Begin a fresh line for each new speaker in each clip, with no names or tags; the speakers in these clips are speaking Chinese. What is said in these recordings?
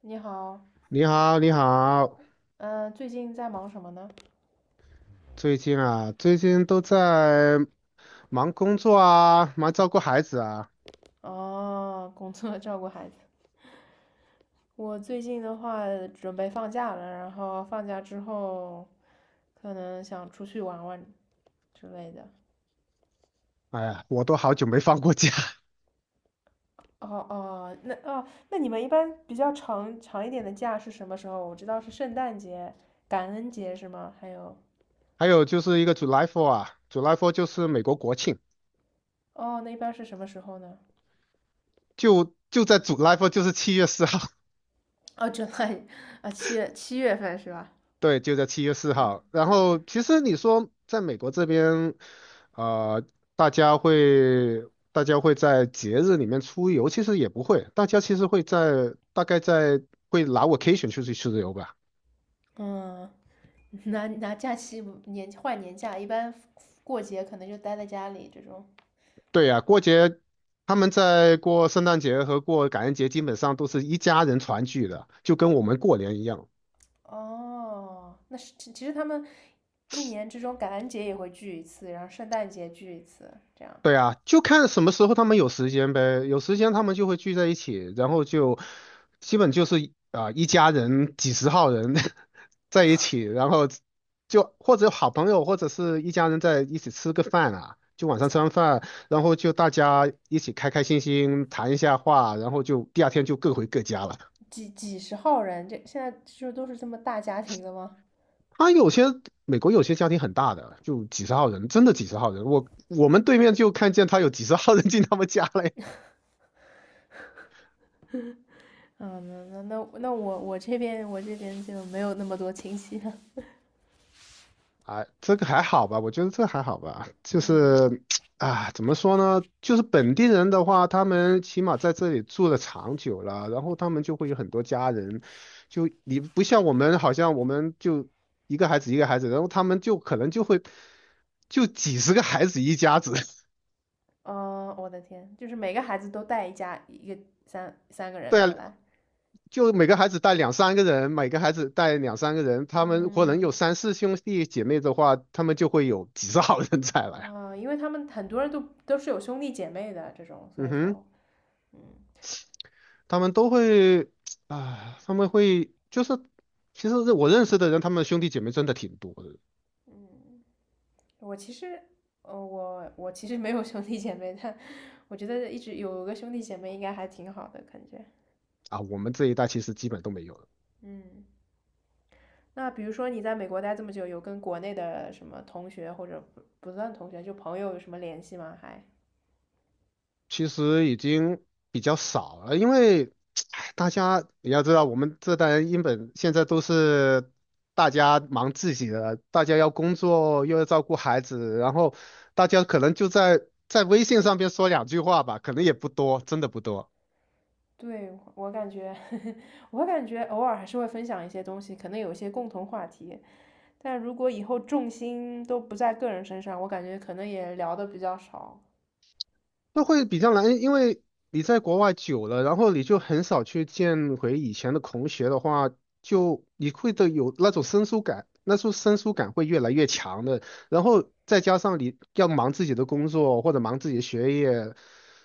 你好，
你好，你好，
嗯，最近在忙什么呢？
最近都在忙工作啊，忙照顾孩子啊，
哦，工作 照顾孩子。我最近的话准备放假了，然后放假之后可能想出去玩玩之类的。
哎呀，我都好久没放过假。
哦哦，那哦，那你们一般比较长一点的假是什么时候？我知道是圣诞节、感恩节是吗？还有，
还有就是一个 July f o 啊，July f o 就是美国国庆，
哦，那一般是什么时候呢？
就在 July f o 就是7月4号，
哦 j u 啊，七月份是吧？
对，就在7月4号。然后其实你说在美国这边，呃，大家会大家会在节日里面出游，其实也不会，大家其实会在大概在会拿 vacation 出去游吧。
嗯，拿假期年换年假，一般过节可能就待在家里这种。
对呀，过节他们在过圣诞节和过感恩节，基本上都是一家人团聚的，就跟我们过年一样。
哦，那是其实他们一年之中感恩节也会聚一次，然后圣诞节聚一次，这样
对啊，就看什么时候他们有时间呗，有时间他们就会聚在一起，然后就基本就是一家人几十号人 在一起，然后就或者好朋友或者是一家人在一起吃个饭啊，就晚上吃完饭，然后就大家一起开开心心谈一下话，然后就第二天就各回各家了。
几十号人，这现在就都是这么大家庭了吗？
他有些美国有些家庭很大的，就几十号人，真的几十号人。我们对面就看见他有几十号人进他们家嘞。
嗯，那这边我这边就没有那么多亲戚了。
哎，这个还好吧？我觉得这还好吧。就
嗯，
是啊，怎么说呢？就是本地人的话，他们起码在这里住的长久了，然后他们就会有很多家人。就你不像我们，好像我们就一个孩子一个孩子，然后他们就可能就会就几十个孩子一家子。
哦，我的天，就是每个孩子都带一家一个三个人
对啊，
过来。
就每个孩子带两三个人，每个孩子带两三个人，他们或能
嗯，
有三四兄弟姐妹的话，他们就会有几十号人才来啊。
啊，因为他们很多人都是有兄弟姐妹的这种，所
嗯
以
哼，
说，嗯
他们都会啊，他们会就是，其实我认识的人，他们兄弟姐妹真的挺多的
嗯，我其实，呃，我其实没有兄弟姐妹，但我觉得一直有个兄弟姐妹应该还挺好的感觉。
啊。我们这一代其实基本都没有了。
嗯，那比如说你在美国待这么久，有跟国内的什么同学或者不算同学，就朋友有什么联系吗？还？
其实已经比较少了，因为 唉大家你要知道，我们这代人英本现在都是大家忙自己的，大家要工作又要照顾孩子，然后大家可能就在微信上边说两句话吧，可能也不多，真的不多。
对，我感觉，我感觉偶尔还是会分享一些东西，可能有一些共同话题，但如果以后重心都不在个人身上，我感觉可能也聊的比较少。
那会比较难，因为你在国外久了，然后你就很少去见回以前的同学的话，就你会的有那种生疏感，那种生疏感会越来越强的。然后再加上你要忙自己的工作或者忙自己的学业，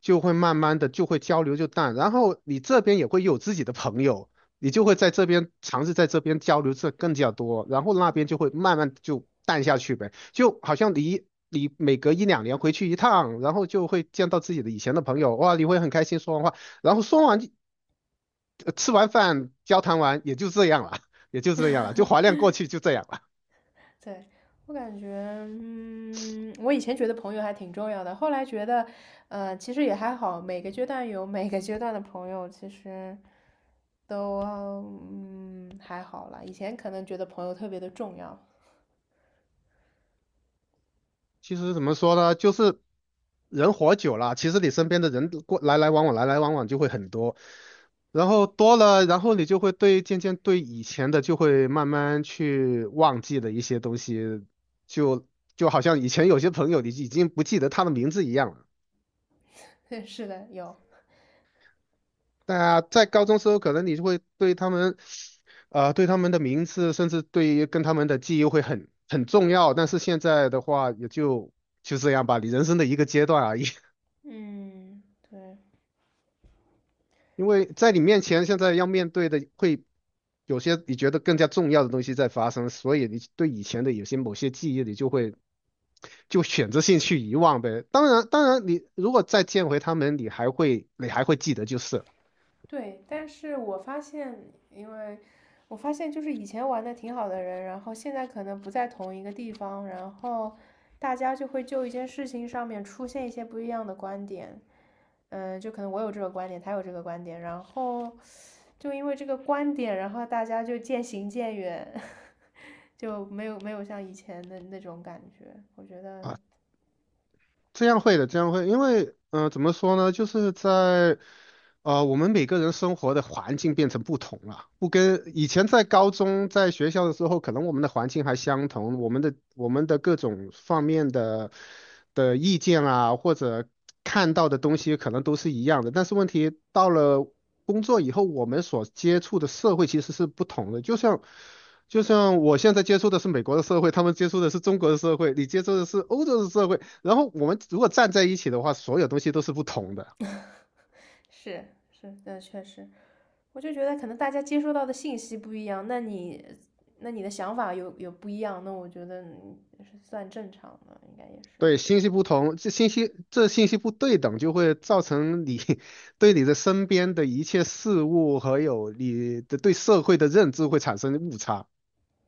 就会慢慢的就会交流就淡。然后你这边也会有自己的朋友，你就会在这边尝试在这边交流这更加多，然后那边就会慢慢就淡下去呗。就好像你每隔一两年回去一趟，然后就会见到自己的以前的朋友，哇，你会很开心说完话，然后说完吃完饭交谈完也就这样了，也就这样了，就怀念 过去就这样了。
对，我感觉，嗯，我以前觉得朋友还挺重要的，后来觉得，呃，其实也还好，每个阶段有每个阶段的朋友，其实都嗯还好啦。以前可能觉得朋友特别的重要，
其实怎么说呢，就是人活久了，其实你身边的人过来来往往来来往往就会很多。然后多了，然后你就会对渐渐对以前的就会慢慢去忘记的一些东西，就好像以前有些朋友你已经不记得他的名字一样了。
是的，有，
大家在高中时候，可能你就会对他们，对他们的名字，甚至对于跟他们的记忆会很重要。但是现在的话，也就这样吧，你人生的一个阶段而已。
嗯，对。
因为在你面前，现在要面对的会有些你觉得更加重要的东西在发生，所以你对以前的有些某些记忆，你就会就选择性去遗忘呗。当然，当然，你如果再见回他们，你还会记得就是了。
对，但是我发现，因为我发现就是以前玩的挺好的人，然后现在可能不在同一个地方，然后大家就会就一件事情上面出现一些不一样的观点。嗯，就可能我有这个观点，他有这个观点，然后就因为这个观点，然后大家就渐行渐远，就没有像以前的那种感觉。我觉得
这样会的，这样会，因为怎么说呢，就是我们每个人生活的环境变成不同了，不跟以前在高中在学校的时候，可能我们的环境还相同，我们的各种方面的意见啊，或者看到的东西可能都是一样的，但是问题到了工作以后，我们所接触的社会其实是不同的，就像我现在接触的是美国的社会，他们接触的是中国的社会，你接触的是欧洲的社会。然后我们如果站在一起的话，所有东西都是不同的。
是，是，那确实。我就觉得可能大家接收到的信息不一样，那你那你的想法有不一样，那我觉得嗯是算正常的，应该也是。
对，信息不同，这信息不对等，就会造成你 对你的身边的一切事物和有你的对社会的认知会产生误差，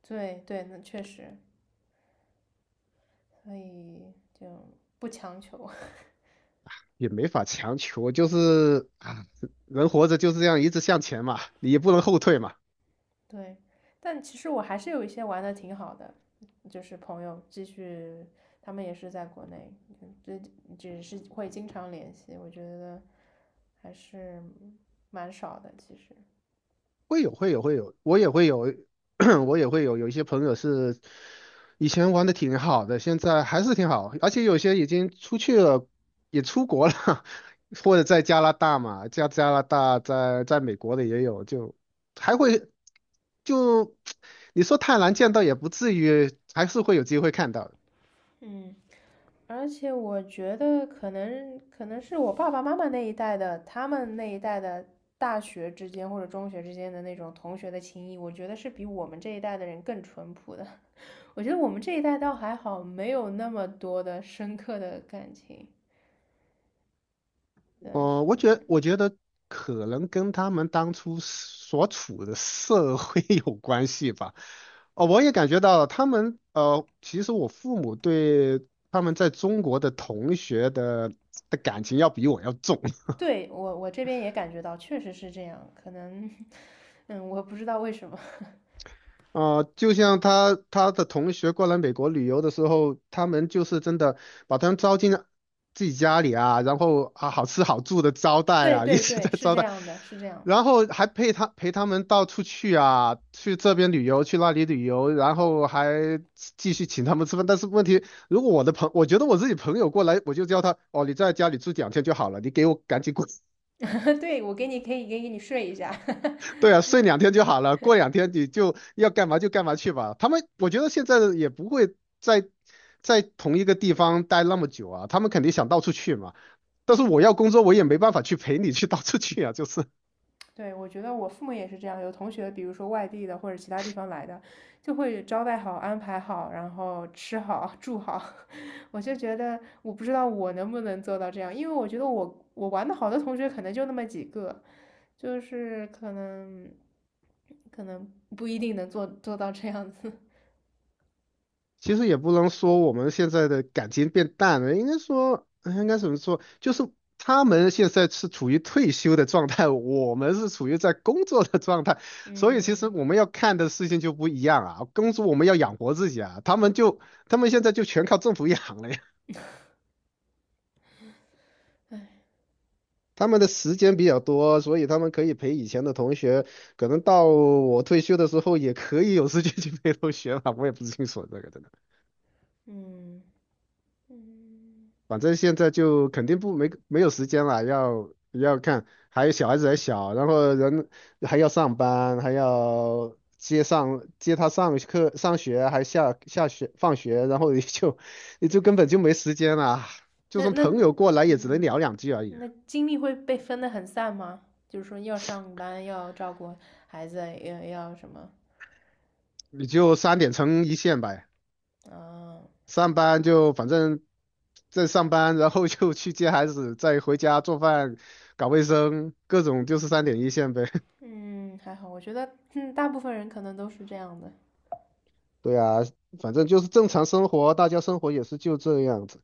对对，那确实，所以就不强求。
也没法强求，就是啊，人活着就是这样，一直向前嘛，你也不能后退嘛。
对，但其实我还是有一些玩的挺好的，就是朋友继续，他们也是在国内，就这只是会经常联系，我觉得还是蛮少的，其实。
会有会有会有，我也会有，我也会有一些朋友是以前玩的挺好的，现在还是挺好，而且有些已经出去了，也出国了，或者在加拿大嘛，加拿大在美国的也有，就还会就 你说太难见到也不至于，还是会有机会看到的。
嗯。而且我觉得可能是我爸爸妈妈那一代的，他们那一代的大学之间或者中学之间的那种同学的情谊，我觉得是比我们这一代的人更淳朴的。我觉得我们这一代倒还好，没有那么多的深刻的感情。但是，
我觉得可能跟他们当初所处的社会 有关系吧。哦，我也感觉到他们，其实我父母对他们在中国的同学的感情要比我要重。
对，我我这边也感觉到，确实是这样。可能，嗯，我不知道为什么。
就像他的同学过来美国旅游的时候，他们就是真的把他们招进自己家里啊，然后啊好吃好住的招 待
对
啊，一
对
直
对，
在
是
招
这
待，
样的，是这样。
然后还陪陪他们到处去啊，去这边旅游，去那里旅游，然后还继续请他们吃饭。但是问题，如果我的朋，我觉得我自己朋友过来，我就叫他哦，你在家里住两天就好了，你给我赶紧滚。
对，我给你可以给你睡一下。
对啊，睡两天就好了，过两天你就要干嘛就干嘛去吧。他们我觉得现在也不会在在同一个地方待那么久啊，他们肯定想到处去嘛。但是我要工作，我也没办法去陪你去到处去啊，就是。
对，我觉得我父母也是这样，有同学，比如说外地的或者其他地方来的，就会招待好、安排好，然后吃好、住好。我就觉得，我不知道我能不能做到这样，因为我觉得我玩的好的同学可能就那么几个，就是可能不一定能做到这样子。
其实也不能说我们现在的感情变淡了，应该说，哎应该怎么说？就是他们现在是处于退休的状态，我们是处于在工作的状态，所以其实
嗯
我们要看的事情就不一样啊。工作我们要养活自己啊，他们现在就全靠政府养了呀。他们的时间比较多，所以他们可以陪以前的同学，可能到我退休的时候也可以有时间去陪同学了。我也不清楚这个真的。
嗯嗯。
反正现在就肯定不没没有时间了，要看，还有小孩子还小，然后人还要上班，还要接他上课上学，还下学放学，然后你就 你就根本就没时间了，就
那
算
那
朋友过来也只能
嗯，
聊两句而已，
那精力会被分得很散吗？就是说要上班，要照顾孩子，要什么？
你就三点成一线呗，
啊，散
上班就反正在上班，然后就去接孩子，再回家做饭、搞卫生，各种就是三点一线呗。
嗯，还好，我觉得嗯，大部分人可能都是这样的。
对啊，反正就是正常生活，大家生活也是就这样子。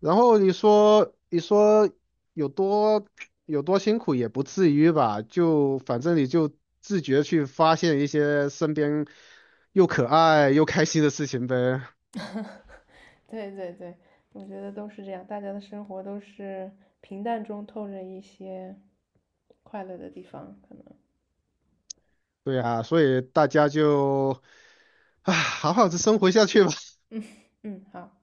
然后你说，你说有多有多辛苦也不至于吧？就反正你就自觉去发现一些身边又可爱又开心的事情呗。
对对对，我觉得都是这样，大家的生活都是平淡中透着一些快乐的地方，可能。
对啊，所以大家就啊，唉好好的生活下去吧。
嗯嗯，好。